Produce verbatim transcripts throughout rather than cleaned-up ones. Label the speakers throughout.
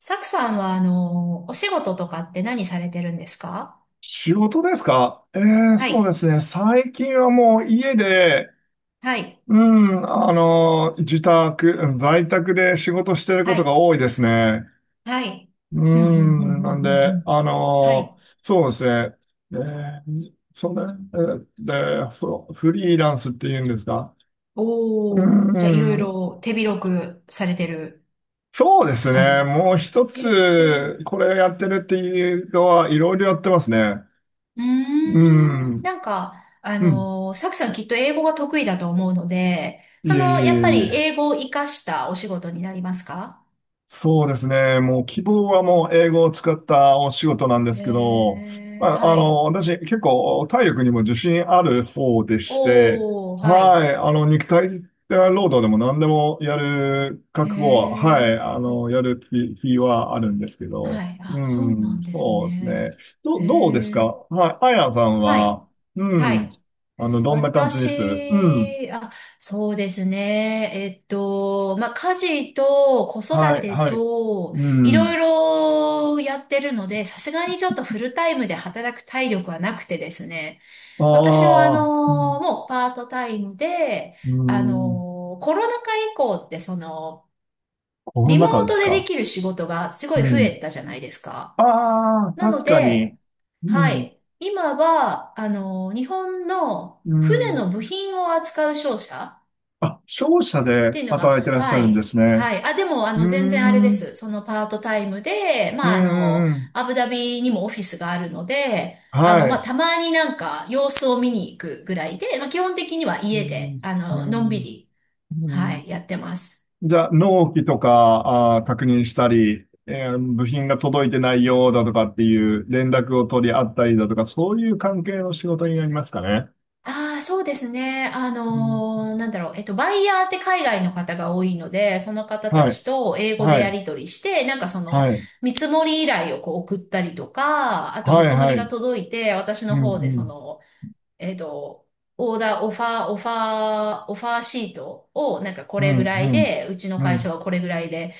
Speaker 1: サクさんは、あの、お仕事とかって何されてるんですか？
Speaker 2: 仕事ですか？えー、
Speaker 1: は
Speaker 2: そうで
Speaker 1: い、
Speaker 2: すね。最近はもう家で、
Speaker 1: はい、
Speaker 2: うん、あの、自宅、うん、在宅で仕事してるこ
Speaker 1: は
Speaker 2: とが
Speaker 1: い。
Speaker 2: 多いですね。
Speaker 1: はい、
Speaker 2: う
Speaker 1: うん、うん、うん、
Speaker 2: ん、
Speaker 1: う
Speaker 2: な
Speaker 1: ん、
Speaker 2: ん
Speaker 1: うんう
Speaker 2: で、
Speaker 1: ん。
Speaker 2: あ
Speaker 1: は
Speaker 2: の、
Speaker 1: い。
Speaker 2: そうですね。えー、そうね。えーで、フフリーランスって言うんですか？う
Speaker 1: おー、じゃあ、いろい
Speaker 2: ん、
Speaker 1: ろ手広くされてる
Speaker 2: そうです
Speaker 1: 感じで
Speaker 2: ね。
Speaker 1: す
Speaker 2: もう
Speaker 1: か？
Speaker 2: 一
Speaker 1: え
Speaker 2: つ、
Speaker 1: ー
Speaker 2: これやってるっていうのは、いろいろやってますね。
Speaker 1: うー
Speaker 2: う
Speaker 1: ん、
Speaker 2: ん、
Speaker 1: なんか、あ
Speaker 2: うん。
Speaker 1: の、サクさんきっと英語が得意だと思うので、
Speaker 2: い
Speaker 1: そ
Speaker 2: えいえ
Speaker 1: の、やっぱ
Speaker 2: いえい
Speaker 1: り
Speaker 2: え。
Speaker 1: 英語を活かしたお仕事になりますか？
Speaker 2: そうですね。もう希望はもう英語を使ったお仕事なんですけど、
Speaker 1: へー、
Speaker 2: まあ、あ
Speaker 1: は
Speaker 2: の、
Speaker 1: い。
Speaker 2: 私結構体力にも自信ある方でして、
Speaker 1: おー、は
Speaker 2: は
Speaker 1: い。
Speaker 2: い、あの、肉体労働でも何でもやる
Speaker 1: へ
Speaker 2: 覚悟は、はい、
Speaker 1: ー。
Speaker 2: あの、やる気、気はあるんですけ
Speaker 1: は
Speaker 2: ど、
Speaker 1: い。あ、
Speaker 2: う
Speaker 1: そうな
Speaker 2: ん、
Speaker 1: んです
Speaker 2: そうです
Speaker 1: ね。
Speaker 2: ね。ど、
Speaker 1: へ
Speaker 2: どうですか？
Speaker 1: え。
Speaker 2: はい、アイアンさん
Speaker 1: はい。
Speaker 2: は、う
Speaker 1: は
Speaker 2: ん、
Speaker 1: い。
Speaker 2: あの、どんな感じです？うん、
Speaker 1: 私、あ、そうですね。えっと、まあ、家事と子
Speaker 2: は
Speaker 1: 育
Speaker 2: い、
Speaker 1: て
Speaker 2: はい、
Speaker 1: と、
Speaker 2: う
Speaker 1: いろ
Speaker 2: ん、
Speaker 1: いろやってるので、さすがにちょっとフルタイムで働く体力はなくてですね。私もあ
Speaker 2: ああ、うん
Speaker 1: の、もうパートタイムで、
Speaker 2: う
Speaker 1: あ
Speaker 2: ん、
Speaker 1: の、コロナ禍以降ってその、
Speaker 2: この
Speaker 1: リモ
Speaker 2: 中
Speaker 1: ー
Speaker 2: で
Speaker 1: ト
Speaker 2: す
Speaker 1: でで
Speaker 2: か？
Speaker 1: きる仕事がすごい
Speaker 2: う
Speaker 1: 増え
Speaker 2: ん。
Speaker 1: たじゃないですか。
Speaker 2: ああ、
Speaker 1: なの
Speaker 2: 確か
Speaker 1: で、
Speaker 2: に。う
Speaker 1: は
Speaker 2: ん。
Speaker 1: い。今は、あの、日本の
Speaker 2: う
Speaker 1: 船
Speaker 2: ん。
Speaker 1: の部品を扱う商社
Speaker 2: あ、商社
Speaker 1: っ
Speaker 2: で
Speaker 1: ていうのが、
Speaker 2: 働いてらっしゃ
Speaker 1: は
Speaker 2: るんで
Speaker 1: い。
Speaker 2: すね。
Speaker 1: はい。あ、でも、あ
Speaker 2: うー
Speaker 1: の、全然あれです。
Speaker 2: ん。
Speaker 1: そのパートタイムで、
Speaker 2: うん
Speaker 1: まあ、あの、
Speaker 2: うんうん。
Speaker 1: アブダビにもオフィスがあるので、あの、
Speaker 2: は
Speaker 1: まあ、
Speaker 2: い。
Speaker 1: たまになんか様子を見に行くぐらいで、まあ、基本的には
Speaker 2: う
Speaker 1: 家
Speaker 2: ん。
Speaker 1: で、あ
Speaker 2: う
Speaker 1: の、のんび
Speaker 2: ん。
Speaker 1: り、
Speaker 2: う
Speaker 1: は
Speaker 2: ん。
Speaker 1: い、やってます。
Speaker 2: じゃあ、納期とか、あー、確認したり、えー部品が届いてないようだとかっていう連絡を取り合ったりだとか、そういう関係の仕事になりますかね。
Speaker 1: ああ、そうですね。あ
Speaker 2: うん。
Speaker 1: のーなんだろう。えっと、バイヤーって海外の方が多いので、その方た
Speaker 2: はい。
Speaker 1: ちと英語で
Speaker 2: は
Speaker 1: や
Speaker 2: い。
Speaker 1: り取りして、なんかその、
Speaker 2: はい。
Speaker 1: 見積もり依頼をこう送ったりとか、あと見
Speaker 2: はい。
Speaker 1: 積も
Speaker 2: は
Speaker 1: りが
Speaker 2: い。
Speaker 1: 届いて、私
Speaker 2: う
Speaker 1: の
Speaker 2: ん。う
Speaker 1: 方でそ
Speaker 2: ん。
Speaker 1: の、えっと、オーダー、オファー、オファー、オファーシートを、なんかこ
Speaker 2: う
Speaker 1: れぐ
Speaker 2: ん。
Speaker 1: ら
Speaker 2: う
Speaker 1: い
Speaker 2: ん。
Speaker 1: で、うちの
Speaker 2: う
Speaker 1: 会
Speaker 2: ん。
Speaker 1: 社はこれぐらいで、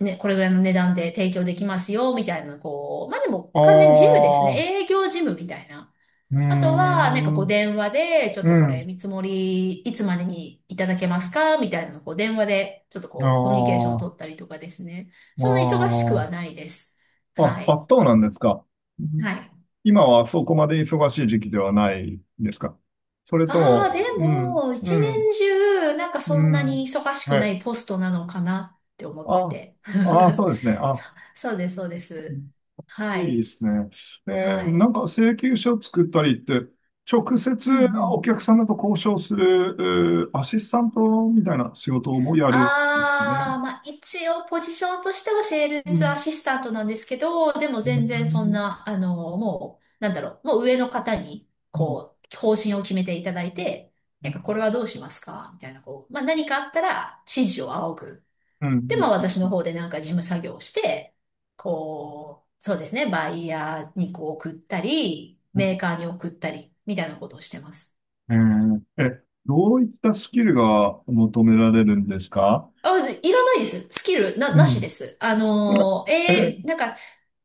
Speaker 1: ね、これぐらいの値段で提供できますよ、みたいな、こう、まあでも
Speaker 2: あ
Speaker 1: 完全に事務ですね。
Speaker 2: あ、う
Speaker 1: 営業事務みたいな。
Speaker 2: ー
Speaker 1: あとは、なんか
Speaker 2: ん、
Speaker 1: こう電話で、ちょっ
Speaker 2: う
Speaker 1: とこれ
Speaker 2: ん、
Speaker 1: 見積もりいつまでにいただけますかみたいなのをこう電話で、ちょっと
Speaker 2: あ
Speaker 1: こうコミュニケーションを
Speaker 2: あ、
Speaker 1: 取ったりとかですね。そんな忙しく
Speaker 2: あ
Speaker 1: はないです。は
Speaker 2: あ、あ、
Speaker 1: い。
Speaker 2: あそうなんですか？うん。
Speaker 1: はい。
Speaker 2: 今はそこまで忙しい時期ではないですか？それ
Speaker 1: あ
Speaker 2: と
Speaker 1: あ、で
Speaker 2: も、うん、
Speaker 1: も、一
Speaker 2: うん、
Speaker 1: 年中、なんか
Speaker 2: う
Speaker 1: そんなに
Speaker 2: ん、
Speaker 1: 忙しく
Speaker 2: は
Speaker 1: な
Speaker 2: い。
Speaker 1: いポストなのかなって思っ
Speaker 2: あ、
Speaker 1: て。
Speaker 2: ああ、そうですね。
Speaker 1: そ、
Speaker 2: あ、
Speaker 1: そうです、そうです。
Speaker 2: い
Speaker 1: は
Speaker 2: いで
Speaker 1: い。
Speaker 2: すね。え
Speaker 1: は
Speaker 2: ー
Speaker 1: い。
Speaker 2: なんか請求書作ったりって、直接
Speaker 1: うんう
Speaker 2: お
Speaker 1: ん。
Speaker 2: 客様と交渉する、うーアシスタントみたいな仕事もやるんです
Speaker 1: ああ、
Speaker 2: ね。
Speaker 1: まあ一応ポジションとしてはセール
Speaker 2: う
Speaker 1: スア
Speaker 2: ん。
Speaker 1: シスタントなんですけど、でも全然そんな、あの、もう、なんだろう、もう上の方に、
Speaker 2: うん、
Speaker 1: こう、方針を決めていただいて、
Speaker 2: う
Speaker 1: なんかこれ
Speaker 2: ん、
Speaker 1: はどうしますかみたいな、こう、まあ何かあったら指示を仰ぐ。
Speaker 2: うん、
Speaker 1: で、まあ私の方でなんか事務作業をして、こう、そうですね、バイヤーにこう送ったり、
Speaker 2: う
Speaker 1: メ
Speaker 2: ん。
Speaker 1: ーカーに送ったり、みたいなことをしてます。
Speaker 2: えーえ、どういったスキルが求められるんですか？
Speaker 1: あ、いらないです。スキルな、
Speaker 2: う
Speaker 1: なしで
Speaker 2: ん。
Speaker 1: す。あのー、
Speaker 2: え、
Speaker 1: え
Speaker 2: え
Speaker 1: ーなんか、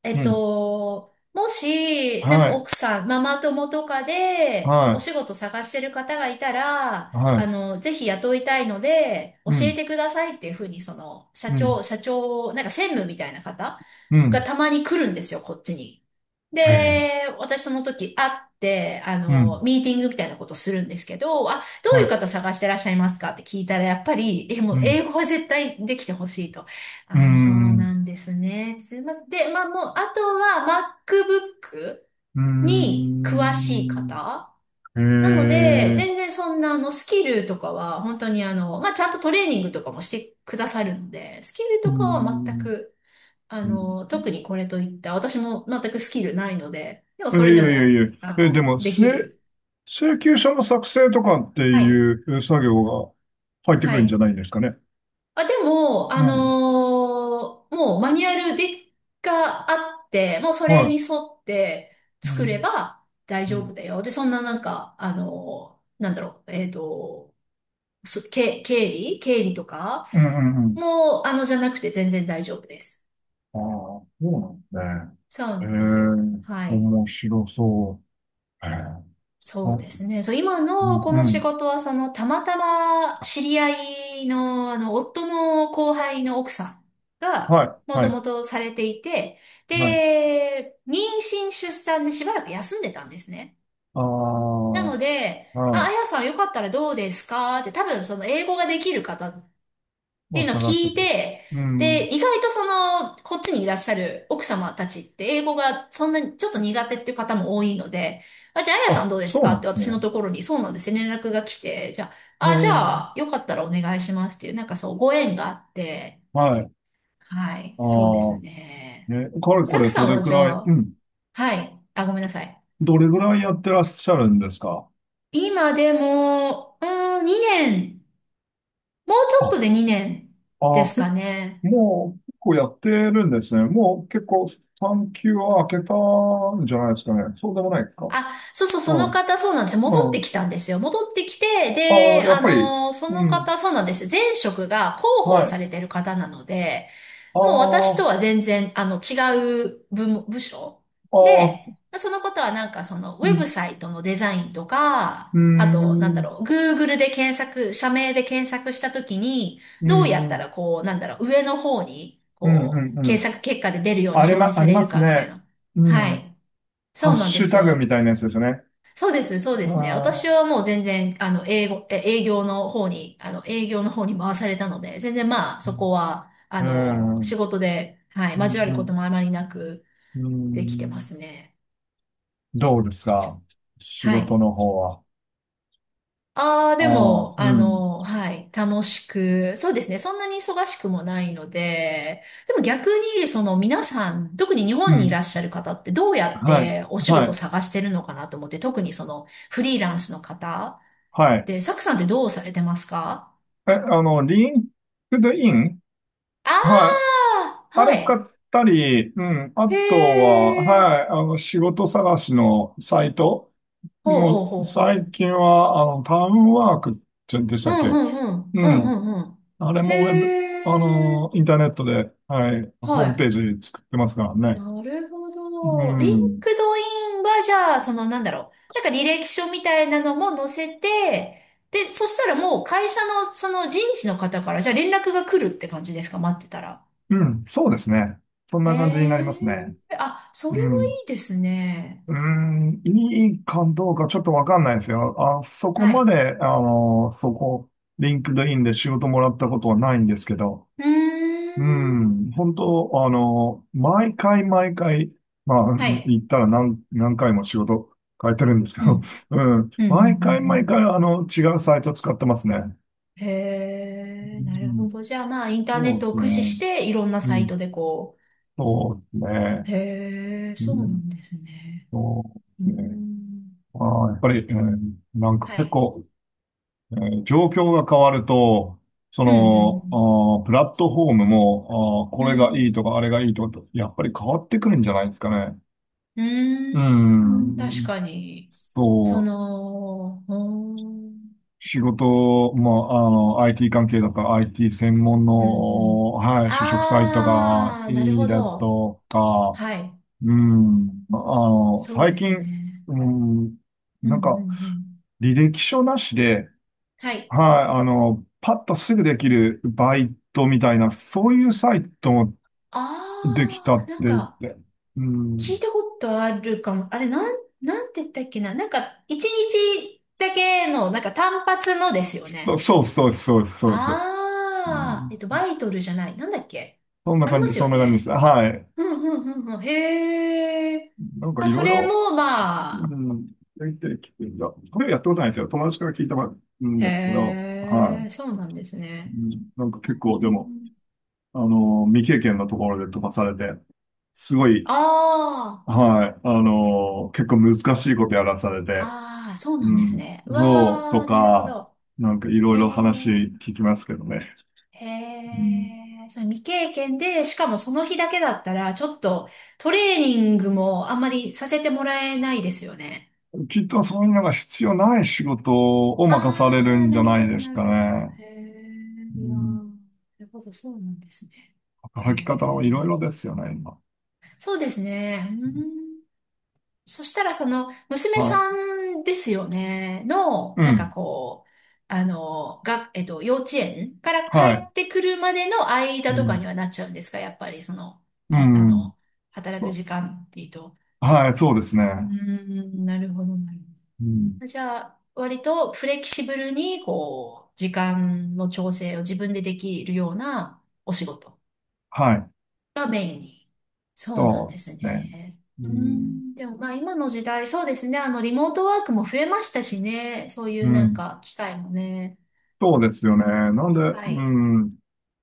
Speaker 1: え
Speaker 2: う
Speaker 1: っ
Speaker 2: ん。
Speaker 1: と、もし、なん
Speaker 2: は
Speaker 1: か
Speaker 2: い、
Speaker 1: 奥さん、ママ友とかで、
Speaker 2: は
Speaker 1: お
Speaker 2: い、
Speaker 1: 仕事探してる方がいたら、
Speaker 2: は
Speaker 1: あ
Speaker 2: い。
Speaker 1: の、ぜひ雇いたいので、教
Speaker 2: う
Speaker 1: え
Speaker 2: ん、
Speaker 1: てくださいっていうふうに、その、社
Speaker 2: うん、
Speaker 1: 長、社長、なんか専務みたいな方
Speaker 2: う
Speaker 1: が
Speaker 2: ん。
Speaker 1: たまに来るんですよ、こっちに。
Speaker 2: はい、
Speaker 1: で、私その時会って、あ
Speaker 2: うん、
Speaker 1: の、ミーティングみたいなことするんですけど、あ、ど
Speaker 2: は
Speaker 1: ういう
Speaker 2: い、
Speaker 1: 方探してらっしゃいますかって聞いたら、やっぱり、え、も
Speaker 2: う
Speaker 1: う
Speaker 2: ん、
Speaker 1: 英語は絶対できてほしいと。
Speaker 2: うー
Speaker 1: ああ、そう
Speaker 2: ん、
Speaker 1: なんですね。すいませんで、まあもう、あとは MacBook
Speaker 2: うー
Speaker 1: に詳しい
Speaker 2: ん。
Speaker 1: 方。
Speaker 2: え
Speaker 1: なので、
Speaker 2: ー、
Speaker 1: 全然そんなあのスキルとかは、本当にあの、まあちゃんとトレーニングとかもしてくださるので、スキル
Speaker 2: う
Speaker 1: とかは全
Speaker 2: ん。
Speaker 1: く、あ
Speaker 2: うん。
Speaker 1: の、特にこれといった、私も全くスキルないので、でも
Speaker 2: え、い
Speaker 1: それで
Speaker 2: やいやい
Speaker 1: も、
Speaker 2: や。
Speaker 1: あ
Speaker 2: え、で
Speaker 1: の、
Speaker 2: も、
Speaker 1: でき
Speaker 2: 請、
Speaker 1: る。
Speaker 2: 請求書の作成とかって
Speaker 1: はい。
Speaker 2: いう作業が入ってく
Speaker 1: は
Speaker 2: るんじゃ
Speaker 1: い。
Speaker 2: ないんですかね。
Speaker 1: あ、でも、
Speaker 2: う
Speaker 1: あの
Speaker 2: ん。
Speaker 1: ーもうマニュアルで、があって、もうそ
Speaker 2: は
Speaker 1: れに
Speaker 2: い。
Speaker 1: 沿って
Speaker 2: う
Speaker 1: 作れ
Speaker 2: ん、
Speaker 1: ば大
Speaker 2: う
Speaker 1: 丈
Speaker 2: ん、
Speaker 1: 夫だよ。で、そんななんか、あのーなんだろう、えっと、そけ、経理経理とか
Speaker 2: うん、うん。
Speaker 1: もう、あの、じゃなくて全然大丈夫です。
Speaker 2: ああ、そうなんですね。
Speaker 1: そうな
Speaker 2: え
Speaker 1: んですよ。は
Speaker 2: え、
Speaker 1: い。
Speaker 2: 面白そう。ええ、
Speaker 1: そ
Speaker 2: あ、
Speaker 1: うですね。そう、今
Speaker 2: う
Speaker 1: の
Speaker 2: ん、
Speaker 1: こ
Speaker 2: う
Speaker 1: の仕
Speaker 2: ん。
Speaker 1: 事は、その、たまたま知り合いの、あの、夫の後輩の奥さん
Speaker 2: は
Speaker 1: が、
Speaker 2: い、
Speaker 1: も
Speaker 2: は
Speaker 1: とも
Speaker 2: い、
Speaker 1: とされていて、
Speaker 2: はい。
Speaker 1: で、妊娠出産でしばらく休んでたんですね。
Speaker 2: ああ、
Speaker 1: なので、
Speaker 2: は
Speaker 1: あ、あ
Speaker 2: い。
Speaker 1: やさんよかったらどうですかって多分その英語ができる方っ
Speaker 2: も
Speaker 1: てい
Speaker 2: う
Speaker 1: うのを
Speaker 2: 探し
Speaker 1: 聞い
Speaker 2: てた。
Speaker 1: て、
Speaker 2: うん。
Speaker 1: で、意外とその、こっちにいらっしゃる奥様たちって英語がそんなにちょっと苦手っていう方も多いので、あ、じゃあ、あやさん
Speaker 2: あ、
Speaker 1: どうです
Speaker 2: そう
Speaker 1: か
Speaker 2: な
Speaker 1: っ
Speaker 2: んで
Speaker 1: て
Speaker 2: すね。
Speaker 1: 私のところに、そうなんですね連絡が来て、じゃ
Speaker 2: え
Speaker 1: あ、あ、じ
Speaker 2: え、
Speaker 1: ゃあ、よかったらお願いしますっていう、なんかそう、ご縁があって、
Speaker 2: はい。
Speaker 1: はい、
Speaker 2: あ
Speaker 1: そうです
Speaker 2: あ、
Speaker 1: ね。
Speaker 2: ね、かれこ
Speaker 1: サク
Speaker 2: れど
Speaker 1: さん
Speaker 2: れ
Speaker 1: は
Speaker 2: く
Speaker 1: じゃ
Speaker 2: らい、う
Speaker 1: あ、
Speaker 2: ん、
Speaker 1: はい、あ、ごめんなさい。
Speaker 2: どれくらいやってらっしゃるんですか？
Speaker 1: 今でも、うーん、にねん、もうちょっと
Speaker 2: あ、
Speaker 1: でにねん
Speaker 2: あ
Speaker 1: で
Speaker 2: あ、
Speaker 1: す
Speaker 2: 結
Speaker 1: かね。
Speaker 2: もう結構やってるんですね。もう結構さんきゅう級は開けたんじゃないですかね。そうでもないか。
Speaker 1: あ、そうそう、
Speaker 2: う
Speaker 1: その
Speaker 2: ん。
Speaker 1: 方、そうなんです。
Speaker 2: う
Speaker 1: 戻ってき
Speaker 2: ん。
Speaker 1: たんですよ。戻ってきて、
Speaker 2: ああ、
Speaker 1: で、
Speaker 2: やっ
Speaker 1: あ
Speaker 2: ぱり。
Speaker 1: のーそ
Speaker 2: う
Speaker 1: の
Speaker 2: ん。
Speaker 1: 方、そうなんです。前職が広
Speaker 2: は
Speaker 1: 報さ
Speaker 2: い。
Speaker 1: れてる方なので、
Speaker 2: あ
Speaker 1: もう私
Speaker 2: あ、
Speaker 1: とは
Speaker 2: あ
Speaker 1: 全然、あの、違う部門、部署
Speaker 2: あ、
Speaker 1: で、その方はなんかその、ウ
Speaker 2: う
Speaker 1: ェブ
Speaker 2: ん。
Speaker 1: サイトのデザインとか、
Speaker 2: う
Speaker 1: あと、なんだ
Speaker 2: ん。
Speaker 1: ろう、Google で検索、社名で検索したときに、
Speaker 2: う
Speaker 1: どう
Speaker 2: ん。う
Speaker 1: や
Speaker 2: ん。
Speaker 1: っ
Speaker 2: う
Speaker 1: た
Speaker 2: ん。
Speaker 1: らこう、なんだろう、上の方に、
Speaker 2: う
Speaker 1: こう、
Speaker 2: んうん、
Speaker 1: 検索結果で出るように
Speaker 2: あり
Speaker 1: 表示
Speaker 2: ま、あ
Speaker 1: さ
Speaker 2: り
Speaker 1: れ
Speaker 2: ま
Speaker 1: る
Speaker 2: す
Speaker 1: かみたい
Speaker 2: ね。
Speaker 1: な。
Speaker 2: う
Speaker 1: は
Speaker 2: ん。
Speaker 1: い。そ
Speaker 2: ハッ
Speaker 1: うなんで
Speaker 2: シュ
Speaker 1: す
Speaker 2: タグみ
Speaker 1: よ。
Speaker 2: たいなやつですよね。
Speaker 1: そうですね、そうで
Speaker 2: あ
Speaker 1: すね。私
Speaker 2: あ。
Speaker 1: はもう全然、あの、英語、え営業の方に、あの、営業の方に回されたので、全然まあ、
Speaker 2: う
Speaker 1: そこ
Speaker 2: ん。
Speaker 1: は、あの、仕事で、はい、
Speaker 2: う
Speaker 1: 交わ
Speaker 2: ん。
Speaker 1: る
Speaker 2: う
Speaker 1: こと
Speaker 2: ん。
Speaker 1: もあまりなく
Speaker 2: う
Speaker 1: できてま
Speaker 2: ん。
Speaker 1: すね。
Speaker 2: どうですか、仕
Speaker 1: は
Speaker 2: 事
Speaker 1: い。
Speaker 2: の方は？
Speaker 1: ああ、
Speaker 2: あ
Speaker 1: で
Speaker 2: あ、
Speaker 1: も、あ
Speaker 2: うん。
Speaker 1: の、はい、楽しく、そうですね。そんなに忙しくもないので、でも逆に、その皆さん、特に日
Speaker 2: う
Speaker 1: 本にい
Speaker 2: ん。
Speaker 1: らっしゃる方ってどうやっ
Speaker 2: はい。
Speaker 1: てお仕
Speaker 2: は
Speaker 1: 事
Speaker 2: い。
Speaker 1: 探してるのかなと思って、特にそのフリーランスの方
Speaker 2: はい。
Speaker 1: で、サクさんってどうされてますか？
Speaker 2: え、あの、リンクドイン。はい。
Speaker 1: ああ、
Speaker 2: あ
Speaker 1: は
Speaker 2: れ使
Speaker 1: い。
Speaker 2: ったり、うん。あ
Speaker 1: へ
Speaker 2: とは、
Speaker 1: え。
Speaker 2: はい、あの、仕事探しのサイト。
Speaker 1: ほうほう
Speaker 2: も
Speaker 1: ほ
Speaker 2: う、
Speaker 1: う
Speaker 2: 最
Speaker 1: ほ
Speaker 2: 近は、あの、タウンワークってんでした
Speaker 1: う。う
Speaker 2: っ
Speaker 1: ん
Speaker 2: け？
Speaker 1: うんうん。
Speaker 2: う
Speaker 1: うん
Speaker 2: ん。
Speaker 1: うんうん。
Speaker 2: あれもウェブ、
Speaker 1: へ
Speaker 2: あの、イン
Speaker 1: え。
Speaker 2: ターネットで、はい、ホームペ
Speaker 1: は
Speaker 2: ージ作ってますから
Speaker 1: い。な
Speaker 2: ね。
Speaker 1: るほ
Speaker 2: う
Speaker 1: ど。リン
Speaker 2: ん。
Speaker 1: クドインはじゃあ、そのなんだろう。なんか履歴書みたいなのも載せて、で、そしたらもう会社のその人事の方からじゃあ連絡が来るって感じですか、待ってたら？
Speaker 2: うん。そうですね。そんな感じになりま
Speaker 1: へ
Speaker 2: すね。
Speaker 1: え。あ、そ
Speaker 2: う
Speaker 1: れは
Speaker 2: ん。
Speaker 1: いいですね。
Speaker 2: うーん、いいかどうかちょっとわかんないですよ。あ、そこ
Speaker 1: は
Speaker 2: ま
Speaker 1: い。
Speaker 2: で、あの、そこ、リンクドインで仕事もらったことはないんですけど、
Speaker 1: うー
Speaker 2: う
Speaker 1: ん。
Speaker 2: ん、本当、あの、毎回毎回、まあ、
Speaker 1: はい。
Speaker 2: 言ったら何、何回も仕事変えてるんですけ
Speaker 1: う
Speaker 2: ど、
Speaker 1: ん。
Speaker 2: うん、
Speaker 1: うん、うん、うん、う
Speaker 2: 毎回毎
Speaker 1: ん
Speaker 2: 回、あの、違うサイト使ってますね。
Speaker 1: へえ、
Speaker 2: う
Speaker 1: なるほ
Speaker 2: ん、
Speaker 1: ど。じゃあまあ、インターネ
Speaker 2: そ
Speaker 1: ッ
Speaker 2: うで
Speaker 1: トを
Speaker 2: すね。
Speaker 1: 駆使して、いろんな
Speaker 2: う
Speaker 1: サイ
Speaker 2: ん、
Speaker 1: トでこ
Speaker 2: そうです
Speaker 1: う。
Speaker 2: ね。
Speaker 1: へえ、
Speaker 2: う
Speaker 1: そうな
Speaker 2: ん、
Speaker 1: んですね。
Speaker 2: そ
Speaker 1: うー
Speaker 2: うですね。
Speaker 1: ん。
Speaker 2: ああやっぱり、うん、なんか
Speaker 1: は
Speaker 2: 結
Speaker 1: い。
Speaker 2: 構、えー状況が変わると、そ
Speaker 1: うん、う
Speaker 2: の、あ
Speaker 1: ん、
Speaker 2: ープラットフォームも、あーこ
Speaker 1: う
Speaker 2: れがい
Speaker 1: ん。
Speaker 2: いとか、あれがいいとか、やっぱり変わってくるんじゃないですかね。
Speaker 1: う
Speaker 2: う
Speaker 1: ん、うーん、確
Speaker 2: ん。
Speaker 1: かに。
Speaker 2: そ
Speaker 1: そ
Speaker 2: う。
Speaker 1: の、うーん、
Speaker 2: 仕事、まあ、あの、アイティー 関係だったら アイティー 専門
Speaker 1: うん、う
Speaker 2: の、
Speaker 1: ん。
Speaker 2: はい、就職サイトが
Speaker 1: ああ、なる
Speaker 2: いい
Speaker 1: ほ
Speaker 2: だ
Speaker 1: ど。
Speaker 2: とか、
Speaker 1: はい。
Speaker 2: うん。まああの、
Speaker 1: そう
Speaker 2: 最
Speaker 1: です
Speaker 2: 近、
Speaker 1: ね。
Speaker 2: うん、
Speaker 1: うん、
Speaker 2: な
Speaker 1: うん、
Speaker 2: んか、
Speaker 1: うん。
Speaker 2: 履歴書なしで、
Speaker 1: はい。
Speaker 2: はい、あの、パッとすぐできるバイトみたいな、そういうサイトもでき
Speaker 1: あ
Speaker 2: た
Speaker 1: あ、
Speaker 2: っ
Speaker 1: な
Speaker 2: て
Speaker 1: ん
Speaker 2: 言っ
Speaker 1: か、
Speaker 2: て。う
Speaker 1: 聞い
Speaker 2: ん。
Speaker 1: たことあるかも。あれ、なん、なんて言ったっけな。なんか、一日だけの、なんか単発のですよ
Speaker 2: そう
Speaker 1: ね。
Speaker 2: そうそうそうそうです。う
Speaker 1: あー、えっと、
Speaker 2: ん。
Speaker 1: バイトルじゃない。なんだっけ？
Speaker 2: そんな
Speaker 1: あり
Speaker 2: 感
Speaker 1: ま
Speaker 2: じ、
Speaker 1: す
Speaker 2: そ
Speaker 1: よ
Speaker 2: んな感じです。
Speaker 1: ね。
Speaker 2: はい。
Speaker 1: うんうんうんうん。へー。
Speaker 2: なんか
Speaker 1: あ、
Speaker 2: い
Speaker 1: そ
Speaker 2: ろい
Speaker 1: れ
Speaker 2: ろ、
Speaker 1: も、ま
Speaker 2: う
Speaker 1: あ、
Speaker 2: ん、できてきてるんだ。これやったことないんですよ。友達から聞いたんですけど、
Speaker 1: へ
Speaker 2: は
Speaker 1: ー、
Speaker 2: い。
Speaker 1: そうなんです
Speaker 2: う
Speaker 1: ね。
Speaker 2: ん、なんか結
Speaker 1: う
Speaker 2: 構でも、
Speaker 1: ん
Speaker 2: あの、未経験のところで飛ばされて、すご
Speaker 1: あ
Speaker 2: い、
Speaker 1: ー、
Speaker 2: はい、あの、結構難しいことやらされて、
Speaker 1: あー、そう
Speaker 2: う
Speaker 1: なんです
Speaker 2: ん、
Speaker 1: ね。う
Speaker 2: そうと
Speaker 1: わー、なるほ
Speaker 2: か、
Speaker 1: ど。
Speaker 2: なんかいろい
Speaker 1: へ
Speaker 2: ろ話
Speaker 1: ー。
Speaker 2: 聞きますけどね。う
Speaker 1: へ
Speaker 2: ん、
Speaker 1: え、それ未経験で、しかもその日だけだったら、ちょっとトレーニングもあんまりさせてもらえないですよね。
Speaker 2: きっとそういうのが必要ない仕事を
Speaker 1: あ
Speaker 2: 任される
Speaker 1: あ、
Speaker 2: んじゃ
Speaker 1: なる
Speaker 2: な
Speaker 1: ほ
Speaker 2: い
Speaker 1: ど、
Speaker 2: です
Speaker 1: なる
Speaker 2: か
Speaker 1: ほど。
Speaker 2: ね。
Speaker 1: へ
Speaker 2: う
Speaker 1: え、いやー、
Speaker 2: ん、
Speaker 1: なるほど、そうなんですね。へ
Speaker 2: 働き方はいろいろで
Speaker 1: え、
Speaker 2: すよね、今。
Speaker 1: そうですね。うーん、そしたら、その、娘
Speaker 2: は
Speaker 1: さ
Speaker 2: い。
Speaker 1: んですよね、
Speaker 2: う
Speaker 1: の、なんか
Speaker 2: ん。
Speaker 1: こう、あの、が、えっと、幼稚園から帰
Speaker 2: はい。
Speaker 1: ってくるまでの
Speaker 2: う
Speaker 1: 間とかに
Speaker 2: ん。
Speaker 1: はなっちゃうんですか、やっぱり、その、
Speaker 2: う
Speaker 1: は、あ
Speaker 2: ん。
Speaker 1: の、働
Speaker 2: そ
Speaker 1: く
Speaker 2: う。
Speaker 1: 時間っていうと。
Speaker 2: はい、そうです
Speaker 1: うー
Speaker 2: ね。
Speaker 1: ん、なるほど、なるほ
Speaker 2: うん。
Speaker 1: ど。じゃあ、割とフレキシブルに、こう、時間の調整を自分でできるようなお仕事。
Speaker 2: はい。
Speaker 1: がメインに。そうなん
Speaker 2: そ
Speaker 1: で
Speaker 2: うで
Speaker 1: す
Speaker 2: すね。
Speaker 1: ね。
Speaker 2: う
Speaker 1: う
Speaker 2: ん。
Speaker 1: ん、でもまあ今の時代、そうですね。あの、リモートワークも増えましたしね。そうい
Speaker 2: う
Speaker 1: うなん
Speaker 2: ん。
Speaker 1: か機会もね。
Speaker 2: そうです
Speaker 1: う
Speaker 2: よ
Speaker 1: ん、
Speaker 2: ね。なんで、
Speaker 1: は
Speaker 2: う
Speaker 1: い。
Speaker 2: ん、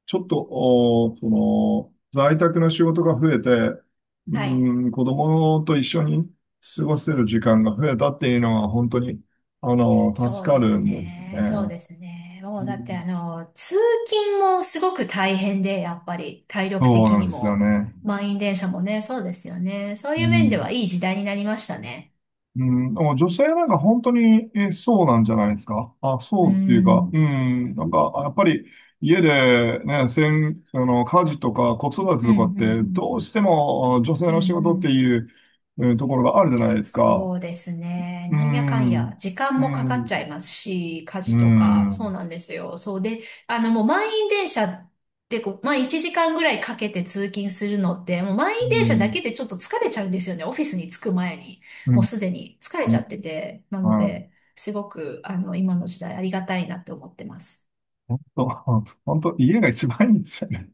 Speaker 2: ちょっと、おその、在宅の仕事が増えて、う
Speaker 1: はい。
Speaker 2: ん、子供と一緒に過ごせる時間が増えたっていうのは、本当に、あの、
Speaker 1: そ
Speaker 2: 助
Speaker 1: う
Speaker 2: か
Speaker 1: です
Speaker 2: るんですよ
Speaker 1: ね。そう
Speaker 2: ね。
Speaker 1: ですね。も
Speaker 2: う
Speaker 1: うだって
Speaker 2: ん、
Speaker 1: あの、通勤もすごく大変で、やっぱり体力
Speaker 2: そう
Speaker 1: 的
Speaker 2: なん
Speaker 1: に
Speaker 2: ですよ
Speaker 1: も。
Speaker 2: ね。
Speaker 1: 満員電車もね、そうですよね。そう
Speaker 2: う
Speaker 1: いう面で
Speaker 2: ん
Speaker 1: はいい時代になりましたね。
Speaker 2: うん、でも女性なんか本当に、え、そうなんじゃないですか？あ、そ
Speaker 1: う
Speaker 2: うっていうか、う
Speaker 1: ん。
Speaker 2: ん、なんか、やっぱり家でね、せん、あの、家事とか子育て
Speaker 1: うん、
Speaker 2: と
Speaker 1: う
Speaker 2: かっ
Speaker 1: ん、
Speaker 2: て、
Speaker 1: う
Speaker 2: ど
Speaker 1: ん。
Speaker 2: うしてもあ女性
Speaker 1: うん、
Speaker 2: の仕
Speaker 1: う
Speaker 2: 事って
Speaker 1: ん。
Speaker 2: いう、うん、ところがあるじゃないですか。
Speaker 1: そうですね。
Speaker 2: う
Speaker 1: なんやかん
Speaker 2: ん、
Speaker 1: や、時間
Speaker 2: う
Speaker 1: もかかっちゃ
Speaker 2: ん、
Speaker 1: いますし、家
Speaker 2: う
Speaker 1: 事とか、
Speaker 2: ん、う
Speaker 1: そう
Speaker 2: ん、
Speaker 1: なんですよ。そうで、あの、もう満員電車ってこう、まあいちじかんぐらいかけて通勤するのって、もう満員電車だけでちょっと疲れちゃうんですよね。オフィスに着く前に。
Speaker 2: う
Speaker 1: もう
Speaker 2: ん、
Speaker 1: すでに疲れ
Speaker 2: う
Speaker 1: ちゃ
Speaker 2: ん、
Speaker 1: ってて。なの
Speaker 2: はい。
Speaker 1: で、すごく、あの、今の時代ありがたいなって思ってます。
Speaker 2: 本当、本当、家が一番いいんですよね。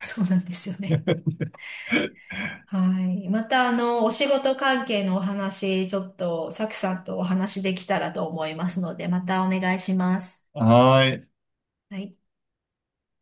Speaker 1: そうなんですよね。はい。また、あの、お仕事関係のお話、ちょっと、サクさんとお話できたらと思いますので、またお願いします。
Speaker 2: はい。
Speaker 1: はい。